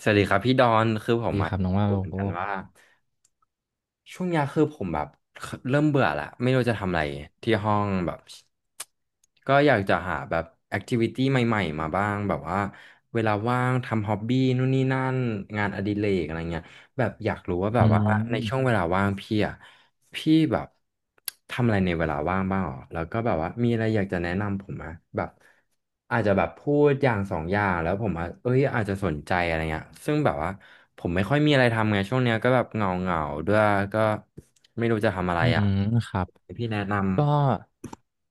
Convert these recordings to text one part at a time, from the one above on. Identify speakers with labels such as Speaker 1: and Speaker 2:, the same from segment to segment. Speaker 1: สวัสดีครับพี่ดอนคือผม
Speaker 2: ดีค
Speaker 1: อะ
Speaker 2: รับ
Speaker 1: อ
Speaker 2: น้
Speaker 1: ยา
Speaker 2: อง
Speaker 1: ก
Speaker 2: ว่า
Speaker 1: รู้
Speaker 2: โล
Speaker 1: เหมือน
Speaker 2: โก้
Speaker 1: กันว่าช่วงเนี้ยคือผมแบบเริ่มเบื่อละไม่รู้จะทำอะไรที่ห้องแบบก็อยากจะหาแบบแอคทิวิตี้ใหม่ๆมาบ้างแบบว่าเวลาว่างทำฮ็อบบี้นู่นนี่นั่นงานอดิเรกอะไรเงี้ย แบบอยากรู้ว่าแบ
Speaker 2: อื
Speaker 1: บว่าในช่วง
Speaker 2: ม
Speaker 1: เวลาว่างพี่อ่ะพี่แบบทำอะไรในเวลาว่างบ้างหรอแล้วก็แบบว่ามีอะไรอยากจะแนะนำผมไหมแบบอาจจะแบบพูดอย่างสองอย่างแล้วผมอ่ะเอ้ยอาจจะสนใจอะไรเงี้ยซึ่งแบบว่าผมไม่ค่อยมีอะไรทำไงช่วงเนี้ยก็แบบเหงาเหงาด้วยก็ไม่รู้จะทำอะไร
Speaker 2: อื
Speaker 1: อ่ะ
Speaker 2: มครับ
Speaker 1: ให้พี่แนะน
Speaker 2: ก็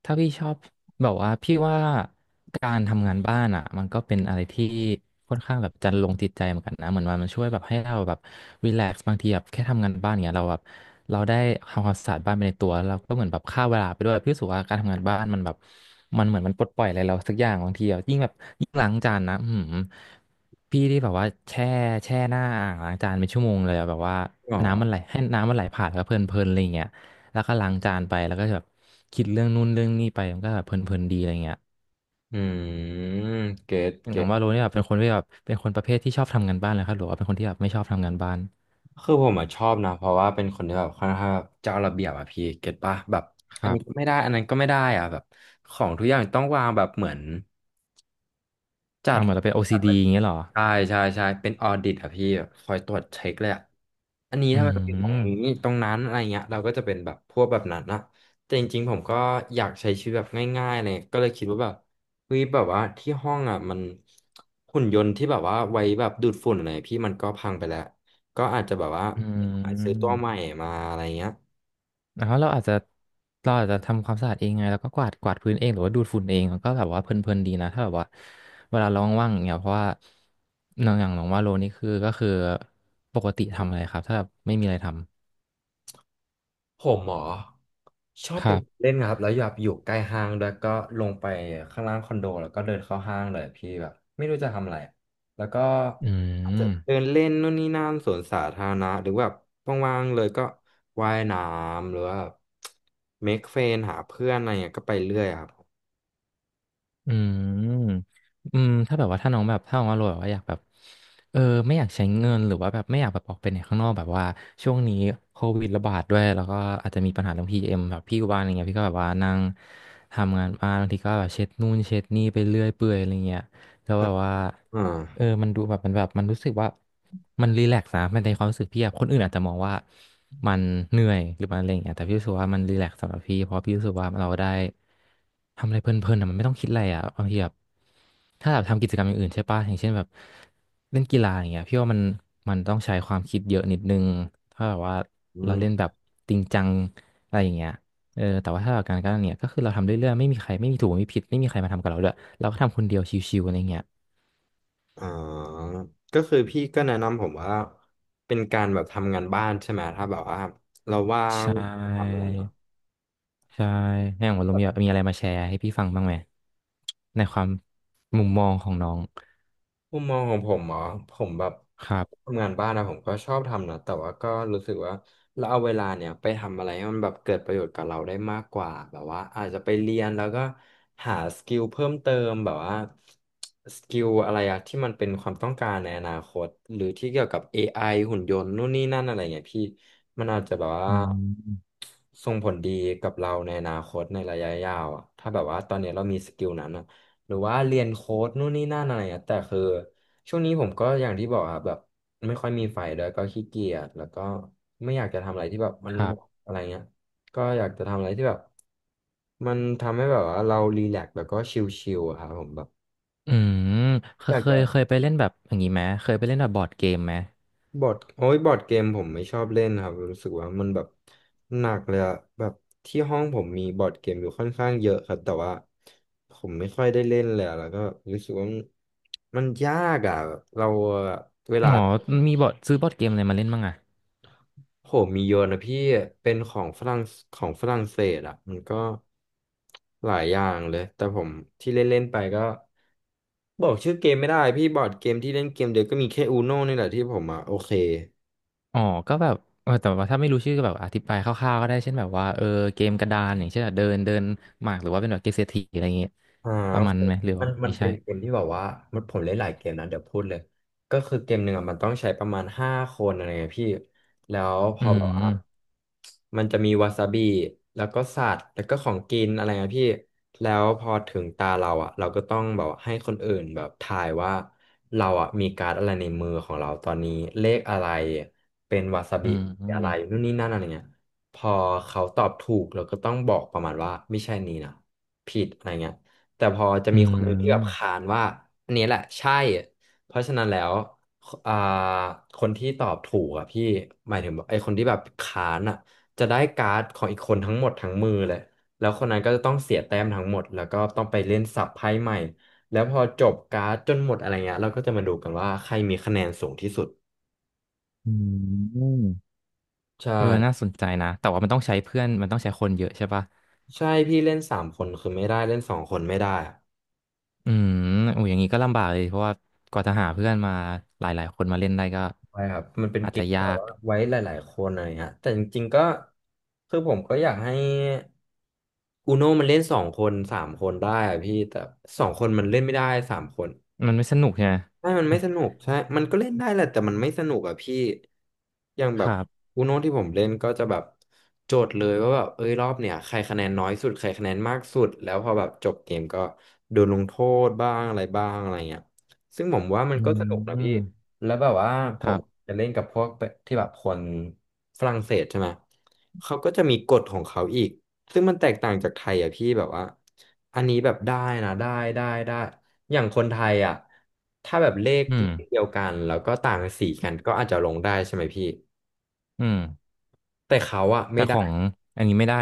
Speaker 2: ถ้าพี่ชอบแบบว่าพี่ว่าการทำงานบ้านอ่ะมันก็เป็นอะไรที่ค่อนข้างแบบจันลงจิตใจเหมือนกันนะเหมือนว่ามันช่วยแบบให้เราแบบรีแลกซ์บางทีแบบแค่ทำงานบ้านเงี้ยเราได้ทำความสะอาดบ้านไปในตัวแล้วเราก็เหมือนแบบฆ่าเวลาไปด้วยพี่รู้สึกว่าการทำงานบ้านมันแบบมันเหมือนมันปลดปล่อยอะไรเราสักอย่างบางทีอะยิ่งแบบยิ่งล้างจานนะพี่ที่แบบว่าแช่หน้าอ่างล้างจานเป็นชั่วโมงเลยอะแบบว่า
Speaker 1: ำหรอ
Speaker 2: น้ำมันไหลให้น้ำมันไหลผ่านแล้วก็เพลินๆอะไรอย่างเงี้ย แล้วก็ล้างจานไปแล้วก็แบบคิดเรื่องนู่นเรื่องนี่ไปมันก็แบบเพลินๆดีอะไรเงี้ย
Speaker 1: อืมเกต
Speaker 2: อ
Speaker 1: เก
Speaker 2: ย่างว่าโรนี่แบบเป็นคนที่แบบเป็นคนประเภทที่ชอบทำงานบ้านเลยครับหรือว่าเป็นคนที่แบบไม่ชอบทำงานบ้าน
Speaker 1: คือผมอะชอบนะเพราะว่าเป็นคนที่แบบค่อนข้างแบบเจ้าระเบียบอะพี่เก็ตปะแบบ
Speaker 2: ค
Speaker 1: อัน
Speaker 2: รั
Speaker 1: นี้ก็
Speaker 2: บ
Speaker 1: ไม่ได้อันนั้นก็ไม่ได้อะแบบของทุกอย่างต้องวางแบบเหมือนจั
Speaker 2: เอา
Speaker 1: ด
Speaker 2: เหมือนเราเป็น OCD อซีดีอย่างเงี้ยเหรอ
Speaker 1: ใช่ใช่ใช่เป็นออดิตอะพี่แบบคอยตรวจเช็คเลยอะอันนี้
Speaker 2: อื
Speaker 1: ถ้ามันเป็นตรงนี้
Speaker 2: ม
Speaker 1: ตรงนั้นอะไรเงี้ยเราก็จะเป็นแบบพวกแบบนั้นนะแต่จริงๆผมก็อยากใช้ชีวิตแบบง่ายๆเลยก็เลยคิดว่าแบบเฮ้ยแบบว่าที่ห้องอะมันหุ่นยนต์ที่แบบว่าไว้แบบดูดฝุ่นอะไรพี่มันก็พังไปแล้วก็อาจจะแบบว่า
Speaker 2: อื
Speaker 1: ไปซื้อตัวใหม่
Speaker 2: ม
Speaker 1: มาอะไรเงี้ย
Speaker 2: แล้วเราอาจจะทำความสะอาดเองไงแล้วก็กวาดพื้นเองหรือว่าดูดฝุ่นเองมันก็แบบว่าเพลินๆดีนะถ้าแบบว่าเวลาเราว่างๆอย่างเงี้ยเพราะว่าน้องอย่างน้องว่าโลนี่ก็คือปกติทำอะไรครับถ้าแบบไม่มีอะไรท
Speaker 1: ผมหมอชอ
Speaker 2: ำ
Speaker 1: บ
Speaker 2: ค
Speaker 1: ไป
Speaker 2: รับ
Speaker 1: เล่นครับแล้วอยากอยู่ใกล้ห้างด้วยก็ลงไปข้างล่างคอนโดแล้วก็เดินเข้าห้างเลยพี่แบบไม่รู้จะทำอะไรแล้วก็
Speaker 2: อื
Speaker 1: อาจจะ
Speaker 2: ม
Speaker 1: เดินเล่นนู่นนี่นั่นสวนสาธารณะหรือแบบว่างๆเลยก็ว่ายน้ำหรือว่าเมคเฟนหาเพื่อนอะไรเงี้ยก็ไปเรื่อยครับ
Speaker 2: อืมอืมถ้าแบบว่าถ้าน้องแบบถ้าน้องว่าโรยแบบว่าอยากแบบเออไม่อยากใช้เงินหรือว่าแบบไม่อยากแบบออกไปไหนข้างนอกแบบว่าช่วงนี้โควิดระบาดด้วยแล้วก็อาจจะมีปัญหาเรื่องพีเอ็มแบบพี่อยู่บ้านอะไรเงี้ยพี่ก็แบบว่านั่งทำงานบ้านบางทีก็แบบเช็ดนู่นเช็ดนี่ไปเรื่อยเปื่อยอะไรเงี้ยแล้วแบบว่า
Speaker 1: อ่า
Speaker 2: เออมันดูแบบมันรู้สึกว่ามันรีแลกซ์นะมันในความรู้สึกพี่อะคนอื่นอาจจะมองว่ามันเหนื่อยหรือมันอะไรอย่างเงี้ยแต่พี่รู้สึกว่ามันรีแลกซ์สำหรับพี่เพราะพี่รู้สึกว่าเราได้ทำอะไรเพลินๆอะมันไม่ต้องคิดอะไรอะบางทีแบบถ้าแบบทำกิจกรรมอย่างอื่นใช่ปะอย่างเช่นแบบเล่นกีฬาอย่างเงี้ยพี่ว่ามันต้องใช้ความคิดเยอะนิดนึงถ้าแบบว่า
Speaker 1: อื
Speaker 2: เรา
Speaker 1: ม
Speaker 2: เล่นแบบจริงจังอะไรอย่างเงี้ยเออแต่ว่าถ้าเราการกันเนี่ยก็คือเราทำเรื่อยๆไม่มีใครไม่มีถูกไม่มีผิดไม่มีใครมาทำกับเราด้วยเราก็ทำคนเดียวชิวๆอะไรเงี้ย
Speaker 1: ออก็คือพี่ก็แนะนำผมว่าเป็นการแบบทำงานบ้านใช่ไหมถ้าแบบว่าเราว่าง
Speaker 2: ใช่
Speaker 1: ทำอะไรอย่างเงี้ย
Speaker 2: ใช่ให้ของลุงมีอะไรมาแชร์ให้พี่ฟังบ้างไหมในความมุมมองของน้อง
Speaker 1: มุมมองของผมเหรอผมแบบ
Speaker 2: ครับ
Speaker 1: ทำงานบ้านนะผมก็ชอบทำนะแต่ว่าก็รู้สึกว่าเราเอาเวลาเนี่ยไปทำอะไรให้มันแบบเกิดประโยชน์กับเราได้มากกว่าแบบว่าอาจจะไปเรียนแล้วก็หาสกิลเพิ่มเติมแบบว่าสกิลอะไรอะที่มันเป็นความต้องการในอนาคตหรือที่เกี่ยวกับเอไ i หุ่นยนต์นู่นนี่นั่นอะไรเงี้ยพี่มันอาจจะแบบ
Speaker 2: อื
Speaker 1: ว่า
Speaker 2: ม
Speaker 1: ส่งผลดีกับเราในอนาคตในระยะยาวอะถ้าแบบว่าตอนเนี้ยเรามีสกิลนั้นอะ หรือว่าเรียนโค้ดนู่นนี่นั่นอะไรอะแต่คือช่วงนี้ผมก็อย่างที่บอกอะแบบไม่ค่อยมีไฟด้วยก็ขี้เกียจแล้วก็ไม่อยากจะทำอะไรที่แบบมัน
Speaker 2: ครับ
Speaker 1: อะไรเงี้ยก็อยากจะทำอะไรที่แบบมันทำให้แบบว่าเรารีแลกซ์แล้วก็ชิลๆอะครับผมแบบ
Speaker 2: อืมเค
Speaker 1: อ
Speaker 2: ย
Speaker 1: ยาก
Speaker 2: เค
Speaker 1: จะ
Speaker 2: ยเคยไปเล่นแบบอย่างนี้ไหมเคยไปเล่นแบบบอร์ดเกมไหม
Speaker 1: บอร์ดโอ้ยบอร์ดเกมผมไม่ชอบเล่นครับรู้สึกว่ามันแบบหนักเลยอะแบบที่ห้องผมมีบอร์ดเกมอยู่ค่อนข้างเยอะครับแต่ว่าผมไม่ค่อยได้เล่นเลยอะแล้วก็รู้สึกว่ามันยากอะเราอะเว
Speaker 2: อ๋
Speaker 1: ลา
Speaker 2: อมีบอร์ดซื้อบอร์ดเกมอะไรมาเล่นบ้างอ่ะ
Speaker 1: ผมมีโยนนะพี่เป็นของฝรั่งของฝรั่งเศสอะมันก็หลายอย่างเลยแต่ผมที่เล่นเล่นไปก็บอกชื่อเกมไม่ได้พี่บอร์ดเกมที่เล่นเกมเดียวก็มีแค่อูโน่นี่แหละที่ผมอะโอเค
Speaker 2: อ๋อก็แบบเออแต่ว่าถ้าไม่รู้ชื่อก็แบบอธิบายคร่าวๆก็ได้เช่นแบบว่าเออเกมกระดานอย่างเช่นแบบเดินเดินหมากหรือว่าเป็นแบบเกมเศรษฐีอะไรอย่างเงี้ย
Speaker 1: อ่า
Speaker 2: ป
Speaker 1: โอ
Speaker 2: ระมาณ
Speaker 1: เค
Speaker 2: นั้นไหมหรือ
Speaker 1: มั
Speaker 2: ว่า
Speaker 1: น
Speaker 2: ไม่
Speaker 1: เป็
Speaker 2: ใช่
Speaker 1: นเกมที่แบบว่ามันผมเล่นหลายเกมนะเดี๋ยวพูดเลยก็คือเกมหนึ่งอ่ะมันต้องใช้ประมาณ5 คนอะไรเงี้ยพี่แล้วพ
Speaker 2: อื
Speaker 1: อแบบว่า
Speaker 2: ม
Speaker 1: มันจะมีวาซาบิแล้วก็สัตว์แล้วก็ของกินอะไรเงี้ยพี่แล้วพอถึงตาเราอ่ะเราก็ต้องแบบให้คนอื่นแบบทายว่าเราอ่ะมีการ์ดอะไรในมือของเราตอนนี้เลขอะไรเป็นวาซา
Speaker 2: อื
Speaker 1: บิ
Speaker 2: มอื
Speaker 1: อะ
Speaker 2: ม
Speaker 1: ไรนู่นนี่นั่นอะไรเงี้ยพอเขาตอบถูกเราก็ต้องบอกประมาณว่าไม่ใช่นี้นะผิดอะไรเงี้ย แต่พอจะ
Speaker 2: อื
Speaker 1: มีคนหนึ่งที่แบบ
Speaker 2: ม
Speaker 1: ขานว่าอันนี้แหละใช่เพราะฉะนั้นแล้วอ่าคนที่ตอบถูกอ่ะพี่หมายถึงไอ้คนที่แบบขานอ่ะจะได้การ์ดของอีกคนทั้งหมดทั้งมือเลยแล้วคนนั้นก็จะต้องเสียแต้มทั้งหมดแล้วก็ต้องไปเล่นสับไพ่ใหม่แล้วพอจบการ์ดจนหมดอะไรเงี้ยเราก็จะมาดูกันว่าใครมีคะแนนสูงที่สุด
Speaker 2: อืม
Speaker 1: ใช่
Speaker 2: เออน่าสนใจนะแต่ว่ามันต้องใช้เพื่อนมันต้องใช้คนเยอะใช่ปะ
Speaker 1: ใช่พี่เล่น3 คนคือไม่ได้เล่น2 คนไม่ได้อะ
Speaker 2: อืมโอ้ยอย่างนี้ก็ลำบากเลยเพราะว่ากว่าจะหาเพื่อนมาหลายๆคนมาเล่นได้ก็
Speaker 1: ใช่ครับ มันเป็น
Speaker 2: อาจ
Speaker 1: เก
Speaker 2: จะ
Speaker 1: มที่
Speaker 2: ยา
Speaker 1: แบบ
Speaker 2: ก
Speaker 1: ว่าไว้หลายๆคนอะไรเงี้ยแต่จริงๆก็คือผมก็อยากให้อูโนมันเล่นสองคนสามคนได้อะพี่ แต่สองคนมันเล่นไม่ได้สามคน
Speaker 2: มันไม่สนุกใช่ไหม
Speaker 1: ใช่มันไม่สนุกใช่มันก็เล่นได้แหละแต่มันไม่สนุกอะพี่อย่าง แบ
Speaker 2: ค
Speaker 1: บ
Speaker 2: รับ
Speaker 1: อูโน่ที่ผมเล่นก็จะแบบโจทย์เลยว่าแบบเอ้ยรอบเนี่ยใครคะแนนน้อยสุดใครคะแนนมากสุดแล้วพอแบบจบเกมก็โดนลงโทษบ้างอะไรบ้างอะไรเงี้ยซึ่งผมว่ามั
Speaker 2: อื
Speaker 1: นก็สนุกนะพี่
Speaker 2: ม
Speaker 1: แล้วแบบว่าผ
Speaker 2: ครั
Speaker 1: ม
Speaker 2: บ
Speaker 1: จะเล่นกับพวกที่แบบคนฝรั่งเศสใช่ไหมเขาก็จะมีกฎของเขาอีกซึ่งมันแตกต่างจากไทยอะพี่แบบว่าอันนี้แบบได้นะได้ได้ อย่างคนไทยอ่ะถ้าแบบเลข
Speaker 2: อื
Speaker 1: เล
Speaker 2: ม
Speaker 1: ขเดียวกันแล้วก็ต่างสีกันก็อาจจะลงได้ใช่ไหมพี่
Speaker 2: อืม
Speaker 1: แต่เขาอ่ะ
Speaker 2: แต่
Speaker 1: ไม่
Speaker 2: ข
Speaker 1: ได้
Speaker 2: องอันนี้ไม่ได้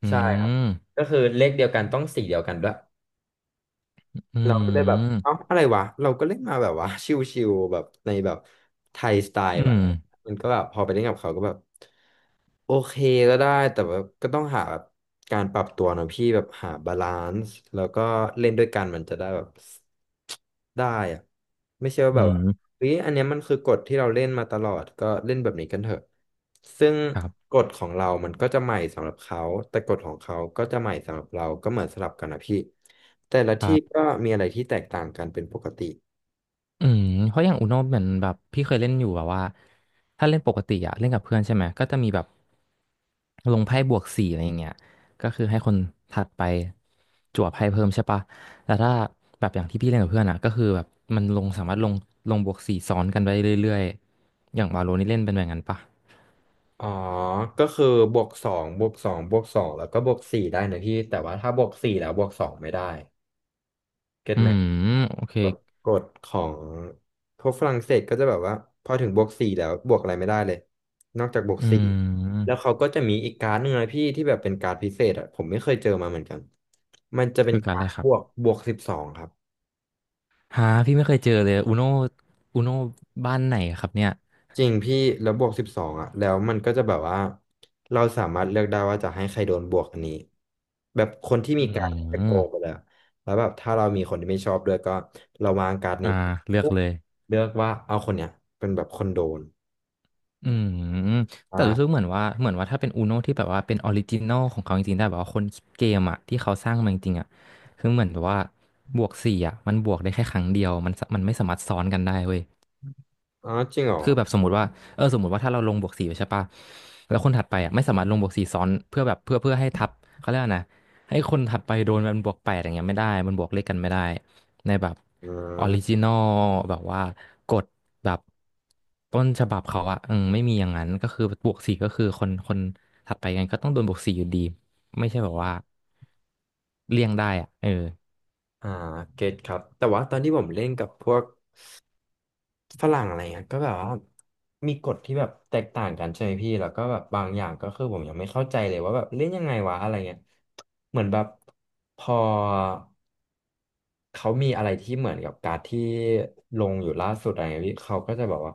Speaker 2: อื
Speaker 1: ใช่ครับ
Speaker 2: ม
Speaker 1: ก็คือเลขเดียวกันต้องสีเดียวกันด้วย
Speaker 2: อื
Speaker 1: เราก็เลยแบบเอ้า
Speaker 2: ม
Speaker 1: อะไรวะเราก็เล่นมาแบบว่า ชิวๆแบบในแบบไทยสไต
Speaker 2: อื
Speaker 1: ล์แบบ
Speaker 2: ม
Speaker 1: มันก็แบบพอไปเล่นกับเขาก็แบบโอเคก็ได้แต่แบบก็ต้องหาแบบการปรับตัวนะพี่แบบหาบาลานซ์แล้วก็เล่นด้วยกันมันจะได้แบบได้อะไม่ใช่ว่า
Speaker 2: อื
Speaker 1: แบบว่า
Speaker 2: ม
Speaker 1: เฮ้ยอันเนี้ยมันคือกฎที่เราเล่นมาตลอดก็เล่นแบบนี้กันเถอะซึ่ง
Speaker 2: ครับ
Speaker 1: กฎของเรามันก็จะใหม่สำหรับเขาแต่กฎของเขาก็จะใหม่สำหรับเราก็เหมือนสลับกันนะพี่แต่ละ
Speaker 2: ค
Speaker 1: ที่
Speaker 2: รั
Speaker 1: ก็
Speaker 2: บ
Speaker 1: มีอะไรที่แตกต่างกันเป็นปกติ
Speaker 2: อืมเพราะอย่างอุโนเหมือนแบบพี่เคยเล่นอยู่แบบว่าถ้าเล่นปกติอะเล่นกับเพื่อนใช่ไหมก็จะมีแบบลงไพ่บวกสี่อะไรอย่างเงี้ยก็คือให้คนถัดไปจั่วไพ่เพิ่มใช่ปะแต่ถ้าแบบอย่างที่พี่เล่นกับเพื่อนอะก็คือแบบมันลงสามารถลงลงบวกสี่ซ้อนกันไปเรื่อยๆอย่างวาโลนี่เล่นเป็นแบบนั้นปะ
Speaker 1: อ๋อก็คือบวกสองบวกสองบวกสองแล้วก็บวกสี่ได้นะพี่แต่ว่าถ้าบวกสี่แล้วบวกสองไม่ได้เก็ต
Speaker 2: อื
Speaker 1: ไหม
Speaker 2: มโอเค
Speaker 1: แบบกฎของพวกฝรั่งเศสก็จะแบบว่าพอถึงบวกสี่แล้วบวกอะไรไม่ได้เลยนอกจากบวก
Speaker 2: อื
Speaker 1: สี่แล้
Speaker 2: ม
Speaker 1: วเขาก็จะมีอีกการ์ดหนึ่งนะพี่ที่แบบเป็นการ์ดพิเศษอ่ะผมไม่เคยเจอมาเหมือนกันมันจะเป็น
Speaker 2: คือการ
Speaker 1: กา
Speaker 2: อะไร
Speaker 1: ร์ด
Speaker 2: ค
Speaker 1: บ
Speaker 2: รับ
Speaker 1: วกบวกสิบสองครับ
Speaker 2: หาพี่ไม่เคยเจอเลยอุโนบ้านไหนครับเนี่ย
Speaker 1: จริงพี่แล้วบวกสิบสองอ่ะแล้วมันก็จะแบบว่าเราสามารถเลือกได้ว่าจะให้ใครโดนบวกอันนี้แบบคนที่
Speaker 2: อื
Speaker 1: มีการดจะโก
Speaker 2: ม
Speaker 1: งไปแล้วแล้วแบบถ้าเรามีคนที่ไม่ชอบด้วยก็เราวางการด
Speaker 2: อ่า
Speaker 1: นี้
Speaker 2: เลือก
Speaker 1: ปุ๊บ
Speaker 2: เลย
Speaker 1: เลือกว่าเอาคนเนี้ยเป็นแบบคนโดน
Speaker 2: อืมแต่รู้สึก
Speaker 1: อ่า
Speaker 2: เหมือนว่าถ้าเป็น Uno ที่แบบว่าเป็นออริจินอลของเขาจริงๆได้แบบว่าคนคิดเกมอ่ะที่เขาสร้างมาจริงๆอ่ะคือเหมือนแบบว่าบวกสี่อ่ะมันบวกได้แค่ครั้งเดียวมันไม่สามารถซ้อนกันได้เว้ย
Speaker 1: อ๋อจริงเหรอ
Speaker 2: คือแบบสมมติว่าเออสมมติว่าถ้าเราลงบวกสี่ไปใช่ปะแล้วคนถัดไปอ่ะไม่สามารถลงบวกสี่ซ้อนเพื่อให้ทับเขาเรียกว่านะให้คนถัดไปโดนมันบวกแปดอย่างเงี้ยไม่ได้มันบวกเลขกันไม่ได้ในแบบ
Speaker 1: อื
Speaker 2: ออริ
Speaker 1: ม
Speaker 2: จินอลแบบว่ากฎแบบต้นฉบับเขาอ่ะอืมไม่มีอย่างนั้นก็คือบวกสี่ก็คือคนถัดไปกันก็ต้องโดนบวกสี่อยู่ดีไม่ใช่แบบว่าเลี่ยงได้อ่ะเออ
Speaker 1: อ่าเก็ตครับแต่ว่าตอนที่ผมเล่นกับพวก ฝรั่งอะไรเงี้ยก็แบบว่ามีกฎที่แบบแตกต่างกันใช่ไหมพี่แล้วก็แบบบางอย่างก็คือผมยังไม่เข้าใจเลยว่าแบบเล่นยังไงวะอะไรเงี้ยเหมือนแบบพอเขามีอะไรที่เหมือนกับการ์ดที่ลงอยู่ล่าสุดอะไรเงี้ยพี่เขาก็จะแบบว่า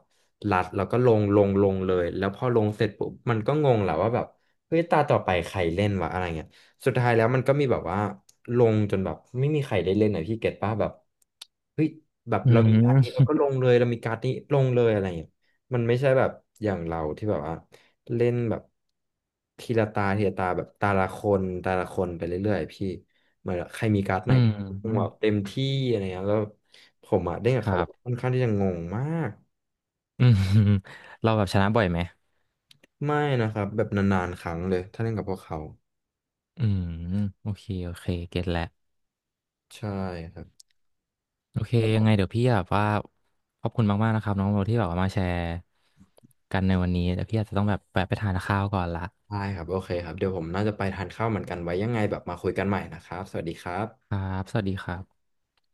Speaker 1: รัดแล้วก็ลงเลยแล้วพอลงเสร็จปุ๊บมันก็งงแหละว่าแบบเฮ้ยตาต่อไปใครเล่นวะอะไรเงี้ย สุดท้ายแล้วมันก็มีแบบว่าลงจนแบบไม่มีใครได้เล่นหน่อยพี่เก็ตป้าแบบเฮ้ยแบบ
Speaker 2: อื
Speaker 1: เรามีการ์ดนี้เรา
Speaker 2: ม
Speaker 1: ก็ลงเลยเรามีการ์ดนี้ลงเลยอะไรอย่างเงี้ยมันไม่ใช่แบบอย่างเราที่แบบว่าเล่นแบบทีละตาแบบตาละคนไปเรื่อยๆพี่เหมือนใครมีการ์ดไห
Speaker 2: อื
Speaker 1: น
Speaker 2: มอืม
Speaker 1: แบบเต็มที่อะไรเงี้ยแล้วผมอะเล่นกั
Speaker 2: ค
Speaker 1: บ
Speaker 2: รั
Speaker 1: เขา
Speaker 2: บ
Speaker 1: ค่อนข้างที่จะงงมาก
Speaker 2: อืม เราแบบชนะบ่อยไหม
Speaker 1: ไม่นะครับแบบนานๆครั้งเลยถ้าเล่นกับพวกเขา
Speaker 2: อืมโอเคโอเคเก็ตแล้ว
Speaker 1: ใช่ครับ
Speaker 2: โอเคยังไงเดี๋ยวพี่แบบว่าขอบคุณมากๆนะครับน้องโบที่แบบว่ามาแชร์กันในวันนี้แต่พี่อาจจะต้องแบบแวะไปทานข้าวก่อนละ
Speaker 1: ได้ครับโอเคครับเดี๋ยวผมน่าจะไปทานข้าวเหมือนกันไว้ยังไงแบบมาคุยกันใหม่นะครับสวัสดีครั
Speaker 2: ค
Speaker 1: บ
Speaker 2: รับสวัสดีครับ